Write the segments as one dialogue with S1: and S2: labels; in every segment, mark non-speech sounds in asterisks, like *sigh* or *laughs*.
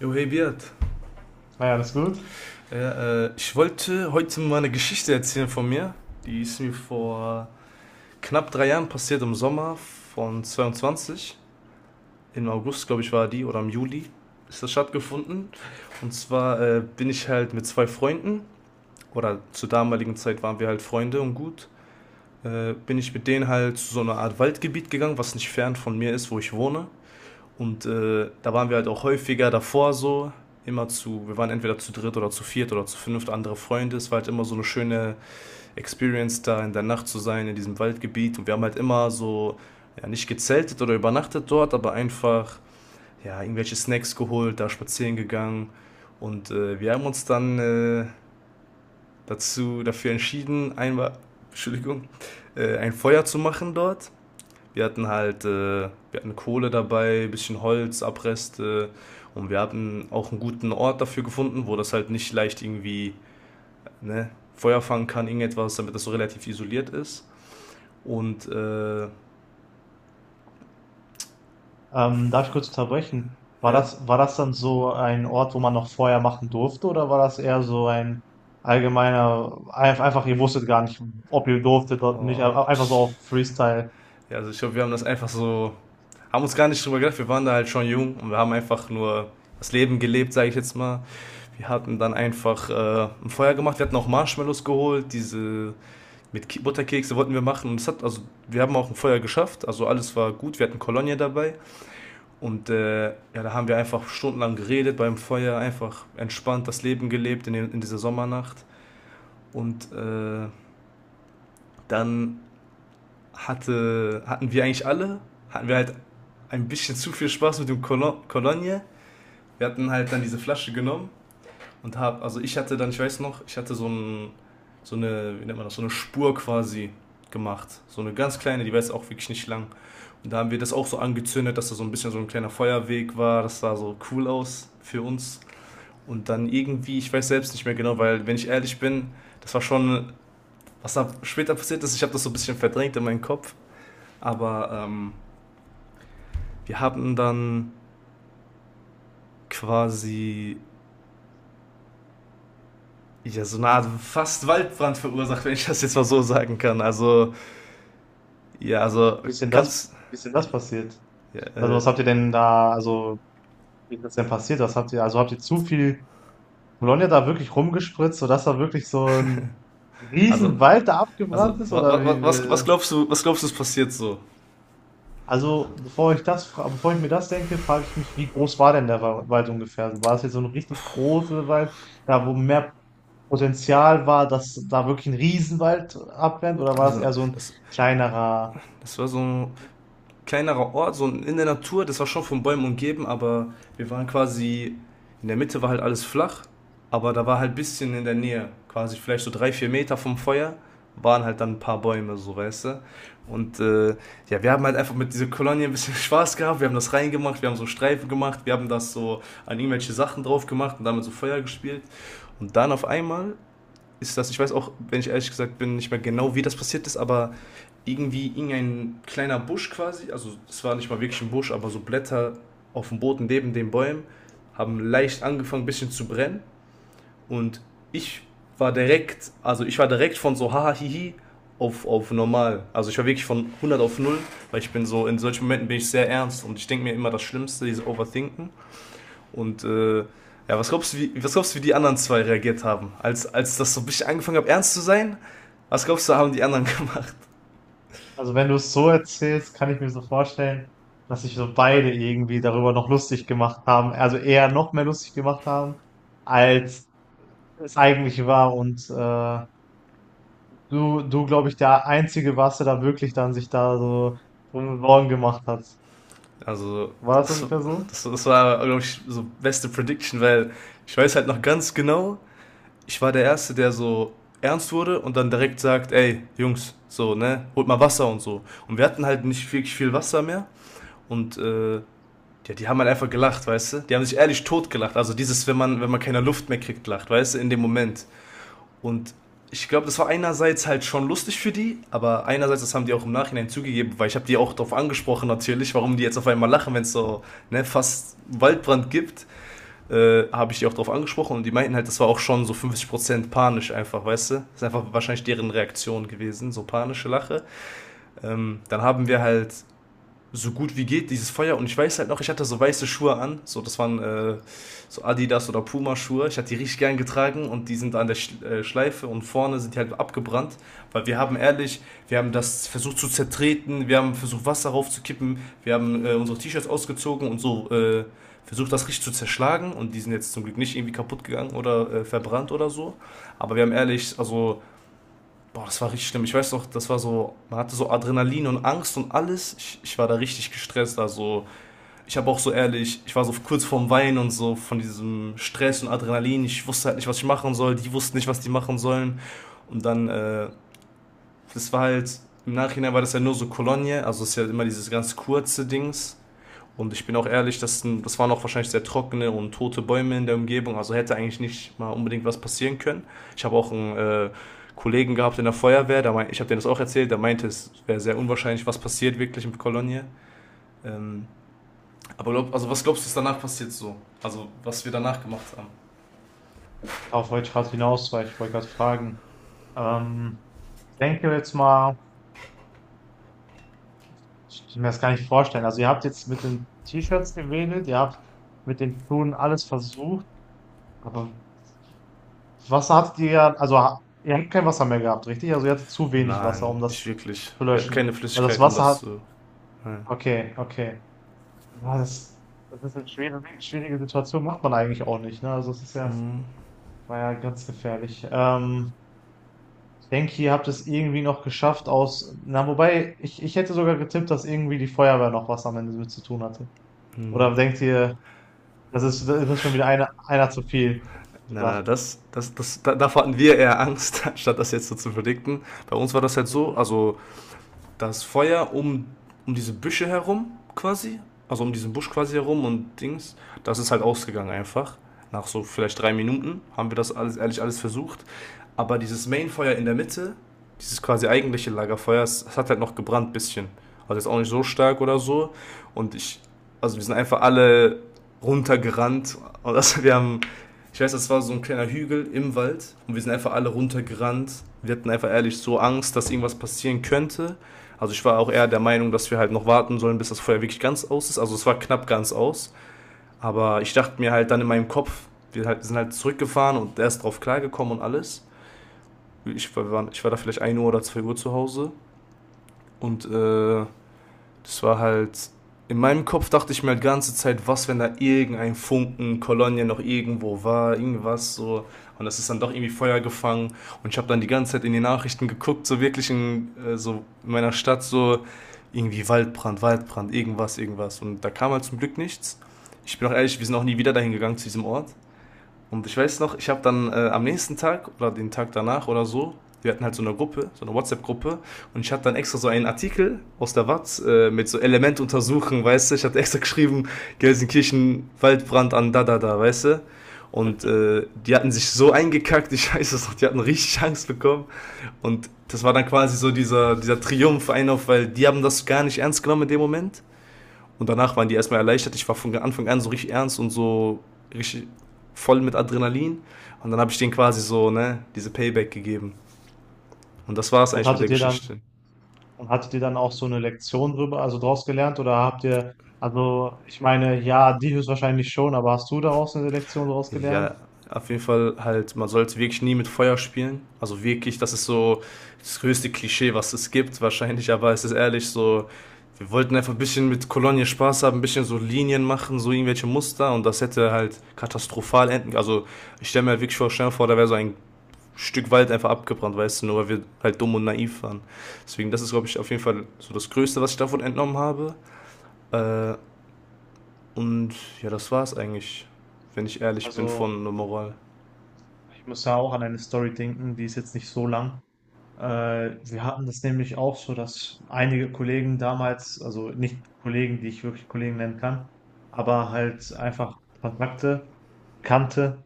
S1: Jo, hey Beat.
S2: Ah ja, das ist gut.
S1: Ja, ich wollte heute mal eine Geschichte erzählen von mir. Die ist mir vor knapp drei Jahren passiert im Sommer von 22. Im August, glaube ich, war die oder im Juli ist das stattgefunden. Und zwar bin ich halt mit zwei Freunden, oder zur damaligen Zeit waren wir halt Freunde und gut, bin ich mit denen halt zu so einer Art Waldgebiet gegangen, was nicht fern von mir ist, wo ich wohne. Und da waren wir halt auch häufiger davor so, immer zu, wir waren entweder zu dritt oder zu viert oder zu fünft, andere Freunde. Es war halt immer so eine schöne Experience da in der Nacht zu sein, in diesem Waldgebiet. Und wir haben halt immer so, ja, nicht gezeltet oder übernachtet dort, aber einfach, ja, irgendwelche Snacks geholt, da spazieren gegangen. Und wir haben uns dann dafür entschieden, einmal, *laughs* Entschuldigung, ein Feuer zu machen dort. Wir hatten halt, wir hatten Kohle dabei, ein bisschen Holz, Abreste und wir hatten auch einen guten Ort dafür gefunden, wo das halt nicht leicht irgendwie ne, Feuer fangen kann, irgendetwas, damit das so relativ isoliert ist. Und
S2: Darf ich kurz unterbrechen? War
S1: ja,
S2: das, war das dann so ein Ort, wo man noch vorher machen durfte, oder war das eher so ein allgemeiner, einfach, ihr wusstet gar nicht, ob ihr durftet oder nicht,
S1: oh,
S2: aber einfach so
S1: ich,
S2: auf Freestyle?
S1: ja, also ich glaube, wir haben das einfach so, haben uns gar nicht drüber gedacht, wir waren da halt schon jung und wir haben einfach nur das Leben gelebt, sage ich jetzt mal. Wir hatten dann einfach ein Feuer gemacht, wir hatten auch Marshmallows geholt, diese Butterkekse wollten wir machen und es hat, also wir haben auch ein Feuer geschafft, also alles war gut, wir hatten Kolonie dabei und ja, da haben wir einfach stundenlang geredet beim Feuer, einfach entspannt das Leben gelebt in, den, in dieser Sommernacht und dann hatten wir eigentlich alle, hatten wir halt ein bisschen zu viel Spaß mit dem Kolonie, wir hatten halt dann diese Flasche genommen. Und hab, also ich hatte dann, ich weiß noch, ich hatte so, ein, so eine, wie nennt man das, so eine Spur quasi gemacht. So eine ganz kleine, die war jetzt auch wirklich nicht lang. Und da haben wir das auch so angezündet, dass da so ein bisschen so ein kleiner Feuerweg war. Das sah so cool aus für uns. Und dann irgendwie, ich weiß selbst nicht mehr genau, weil wenn ich ehrlich bin, das war schon, was da später passiert ist, ich habe das so ein bisschen verdrängt in meinem Kopf. Aber wir haben dann quasi ja, so eine Art fast Waldbrand verursacht, wenn ich das jetzt mal so sagen kann. Also ja, also
S2: Wie ist denn das,
S1: kannst.
S2: wie ist denn das passiert?
S1: Ja,
S2: Also was habt ihr denn da, also wie ist das denn passiert? Was habt ihr, also habt ihr zu viel Bologna da wirklich rumgespritzt, sodass da wirklich so ein
S1: also,
S2: Riesenwald da abgebrannt ist? Oder wie,
S1: was, was
S2: wie-
S1: glaubst du, ist passiert so?
S2: Also, bevor ich mir das denke, frage ich mich, wie groß war denn der Wald ungefähr? Also, war das jetzt so ein richtig großer Wald, da wo mehr Potenzial war, dass da wirklich ein Riesenwald abbrennt, oder war das
S1: Also,
S2: eher so ein
S1: das,
S2: kleinerer?
S1: das war so, kleinerer Ort, so in der Natur. Das war schon von Bäumen umgeben, aber wir waren quasi, in der Mitte war halt alles flach, aber da war halt ein bisschen in der Nähe, quasi vielleicht so drei, vier Meter vom Feuer, waren halt dann ein paar Bäume, so weißt du. Und ja, wir haben halt einfach mit dieser Kolonie ein bisschen *laughs* Spaß gehabt. Wir haben das reingemacht, wir haben so Streifen gemacht, wir haben das so an irgendwelche Sachen drauf gemacht und damit so Feuer gespielt. Und dann auf einmal ist das. Ich weiß auch, wenn ich ehrlich gesagt bin, nicht mehr genau, wie das passiert ist, aber irgendwie irgendein kleiner Busch quasi, also es war nicht mal wirklich ein Busch, aber so Blätter auf dem Boden neben den Bäumen haben leicht angefangen, ein bisschen zu brennen. Und ich war direkt, also ich war direkt von so haha hihi auf normal. Also ich war wirklich von hundert auf null, weil ich bin so, in solchen Momenten bin ich sehr ernst und ich denke mir immer das Schlimmste, dieses Overthinken. Und ja, was glaubst du, wie die anderen zwei reagiert haben? Als, als das so ein bisschen angefangen hat, ernst zu sein, was glaubst du, haben die anderen *laughs* gemacht?
S2: Also, wenn du es so erzählst, kann ich mir so vorstellen, dass sich so beide irgendwie darüber noch lustig gemacht haben, also eher noch mehr lustig gemacht haben, als es eigentlich war. Und glaube ich, der Einzige warst, der da wirklich dann sich da so Sorgen gemacht hat.
S1: Also,
S2: War das
S1: das,
S2: ungefähr so?
S1: das war, glaube ich, so beste Prediction, weil ich weiß halt noch ganz genau, ich war der Erste, der so ernst wurde und dann direkt sagt, ey, Jungs, so, ne, holt mal Wasser und so. Und wir hatten halt nicht wirklich viel Wasser mehr und, ja, die haben halt einfach gelacht, weißt du? Die haben sich ehrlich tot gelacht. Also dieses, wenn man, wenn man keine Luft mehr kriegt, lacht, weißt du, in dem Moment. Und ich glaube, das war einerseits halt schon lustig für die, aber einerseits, das haben die auch im Nachhinein zugegeben, weil ich habe die auch darauf angesprochen natürlich, warum die jetzt auf einmal lachen, wenn es so ne, fast Waldbrand gibt, habe ich die auch darauf angesprochen und die meinten halt, das war auch schon so 50% panisch einfach, weißt du? Das ist einfach wahrscheinlich deren Reaktion gewesen, so panische Lache. Dann haben wir halt so gut wie geht, dieses Feuer. Und ich weiß halt noch, ich hatte so weiße Schuhe an. So, das waren so Adidas oder Puma-Schuhe. Ich hatte die richtig gern getragen und die sind an der Schleife und vorne sind die halt abgebrannt. Weil wir haben ehrlich, wir haben das versucht zu zertreten, wir haben versucht Wasser raufzukippen, wir haben unsere T-Shirts ausgezogen und so versucht das richtig zu zerschlagen. Und die sind jetzt zum Glück nicht irgendwie kaputt gegangen oder verbrannt oder so. Aber wir haben ehrlich, also boah, das war richtig schlimm. Ich weiß noch, das war so, man hatte so Adrenalin und Angst und alles. Ich war da richtig gestresst. Also, ich habe auch so ehrlich, ich war so kurz vorm Weinen und so von diesem Stress und Adrenalin. Ich wusste halt nicht, was ich machen soll. Die wussten nicht, was die machen sollen. Und dann, das war halt, im Nachhinein war das ja nur so Kolonie. Also, es ist ja immer dieses ganz kurze Dings. Und ich bin auch ehrlich, das waren auch wahrscheinlich sehr trockene und tote Bäume in der Umgebung, also hätte eigentlich nicht mal unbedingt was passieren können. Ich habe auch einen Kollegen gehabt in der Feuerwehr, der mein, ich habe denen das auch erzählt, der meinte, es wäre sehr unwahrscheinlich, was passiert wirklich in Kolonie. Ähm, aber glaub, also was glaubst du, ist danach passiert so? Also was wir danach gemacht haben?
S2: Darauf wollte ich gerade hinaus, weil ich wollte gerade fragen. Ähm, Ich denke jetzt mal, ich kann mir das gar nicht vorstellen. Also ihr habt jetzt mit den T-Shirts gewedelt, ihr habt mit den Schuhen alles versucht, aber Wasser hattet ihr ja, also ihr habt kein Wasser mehr gehabt, richtig? Also ihr hattet zu wenig Wasser,
S1: Nein,
S2: um
S1: nicht
S2: das
S1: wirklich.
S2: zu
S1: Wir hatten keine
S2: löschen. Also das
S1: Flüssigkeit, um
S2: Wasser
S1: das
S2: hat,
S1: zu... Nein.
S2: okay, okay. Ja, das, das ist eine schwierige Situation, macht man eigentlich auch nicht, ne? Also es ist ja, war ja ganz gefährlich. Ich denke, ihr habt es irgendwie noch geschafft aus. Na, wobei, ich hätte sogar getippt, dass irgendwie die Feuerwehr noch was am Ende mit zu tun hatte. Oder denkt ihr, das ist schon wieder einer zu viel gedacht?
S1: Davor hatten wir eher Angst, *laughs* anstatt das jetzt so zu verdikten. Bei uns war das halt so,
S2: Mhm.
S1: also das Feuer um, um diese Büsche herum quasi, also um diesen Busch quasi herum und Dings, das ist halt ausgegangen einfach. Nach so vielleicht drei Minuten haben wir das alles, ehrlich alles versucht. Aber dieses Mainfeuer in der Mitte, dieses quasi eigentliche Lagerfeuer, es hat halt noch gebrannt ein bisschen. Also jetzt auch nicht so stark oder so. Und ich, also wir sind einfach alle runtergerannt. Und das, *laughs* wir haben, ich weiß, das war so ein kleiner Hügel im Wald. Und wir sind einfach alle runtergerannt. Wir hatten einfach ehrlich so Angst, dass irgendwas passieren könnte. Also ich war auch eher der Meinung, dass wir halt noch warten sollen, bis das Feuer wirklich ganz aus ist. Also es war knapp ganz aus. Aber ich dachte mir halt dann in meinem Kopf, wir halt, sind halt zurückgefahren und erst drauf klargekommen und alles. Ich war da vielleicht ein Uhr oder 2 Uhr zu Hause. Und das war halt. In meinem Kopf dachte ich mir halt die ganze Zeit, was, wenn da irgendein Funken, Kolonia noch irgendwo war, irgendwas so. Und das ist dann doch irgendwie Feuer gefangen. Und ich habe dann die ganze Zeit in die Nachrichten geguckt, so wirklich in, so in meiner Stadt, so irgendwie Waldbrand, Waldbrand, irgendwas, irgendwas. Und da kam halt zum Glück nichts. Ich bin auch ehrlich, wir sind auch nie wieder dahin gegangen zu diesem Ort. Und ich weiß noch, ich habe dann am nächsten Tag oder den Tag danach oder so, wir hatten halt so eine Gruppe, so eine WhatsApp-Gruppe und ich hatte dann extra so einen Artikel aus der Watz mit so Element untersuchen, weißt du, ich hatte extra geschrieben, Gelsenkirchen, Waldbrand an da da da, weißt du. Und
S2: *laughs*
S1: die hatten sich so eingekackt, ich weiß es noch, die hatten richtig Angst bekommen. Und das war dann quasi so dieser, dieser Triumph ein auf, weil die haben das gar nicht ernst genommen in dem Moment. Und danach waren die erstmal erleichtert. Ich war von Anfang an so richtig ernst und so richtig voll mit Adrenalin. Und dann habe ich denen quasi so, ne, diese Payback gegeben. Und das war es
S2: Und
S1: eigentlich mit der
S2: hattet ihr dann,
S1: Geschichte.
S2: und hattet ihr dann auch so eine Lektion drüber, also draus gelernt? Oder habt ihr, also ich meine, ja, die höchstwahrscheinlich schon, aber hast du daraus eine Lektion draus gelernt?
S1: Ja, auf jeden Fall halt, man sollte wirklich nie mit Feuer spielen. Also wirklich, das ist so das größte Klischee, was es gibt, wahrscheinlich, aber es ist ehrlich so, wir wollten einfach ein bisschen mit Kolonie Spaß haben, ein bisschen so Linien machen, so irgendwelche Muster und das hätte halt katastrophal enden. Also ich stelle mir halt wirklich vor, stell mir vor, da wäre so ein Stück Wald einfach abgebrannt, weißt du, nur weil wir halt dumm und naiv waren. Deswegen, das ist, glaube ich, auf jeden Fall so das Größte, was ich davon entnommen habe. Äh, und ja, das war's eigentlich, wenn ich ehrlich bin,
S2: Also,
S1: von der Moral.
S2: ich muss ja auch an eine Story denken, die ist jetzt nicht so lang. Wir hatten das nämlich auch so, dass einige Kollegen damals, also nicht Kollegen, die ich wirklich Kollegen nennen kann, aber halt einfach Kontakte, Bekannte,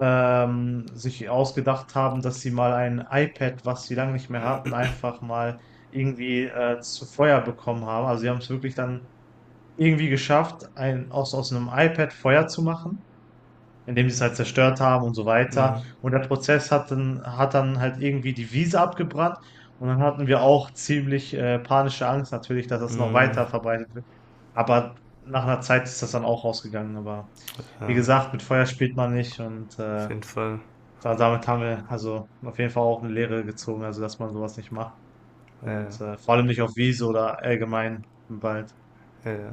S2: sich ausgedacht haben, dass sie mal ein iPad, was sie lange nicht mehr hatten, einfach mal irgendwie zu Feuer bekommen haben. Also sie haben es wirklich dann irgendwie geschafft, aus einem iPad Feuer zu machen, indem sie es halt zerstört haben und so
S1: Mhm.
S2: weiter. Und der Prozess hat hat dann halt irgendwie die Wiese abgebrannt. Und dann hatten wir auch ziemlich panische Angst natürlich, dass das noch
S1: Mhm.
S2: weiter verbreitet wird. Aber nach einer Zeit ist das dann auch rausgegangen. Aber wie
S1: Ja,
S2: gesagt, mit Feuer spielt man nicht. Und
S1: auf jeden Fall.
S2: da, damit haben wir also auf jeden Fall auch eine Lehre gezogen, also dass man sowas nicht macht.
S1: Ja, ja,
S2: Und vor allem nicht auf Wiese oder allgemein im Wald.
S1: ja. Ja.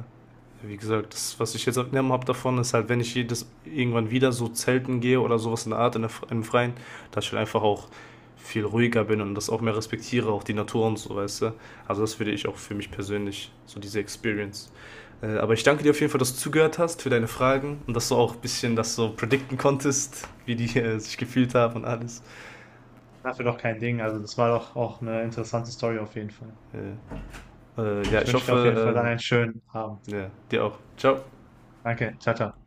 S1: Wie gesagt, das, was ich jetzt abgenommen habe davon, ist halt, wenn ich jedes irgendwann wieder so zelten gehe oder sowas in der Art, in der, im Freien, dass ich halt einfach auch viel ruhiger bin und das auch mehr respektiere, auch die Natur und so, weißt du. Also das würde ich auch für mich persönlich, so diese Experience. Aber ich danke dir auf jeden Fall, dass du zugehört hast für deine Fragen und dass du auch ein bisschen das so predikten konntest, wie die sich gefühlt haben und alles.
S2: Dafür doch kein Ding. Also das war doch auch eine interessante Story auf jeden Fall.
S1: Äh,
S2: Und
S1: ja,
S2: ich
S1: ich
S2: wünsche dir auf jeden Fall
S1: hoffe,
S2: dann einen schönen Abend.
S1: ja, dir auch. Ciao.
S2: Danke. Ciao, ciao.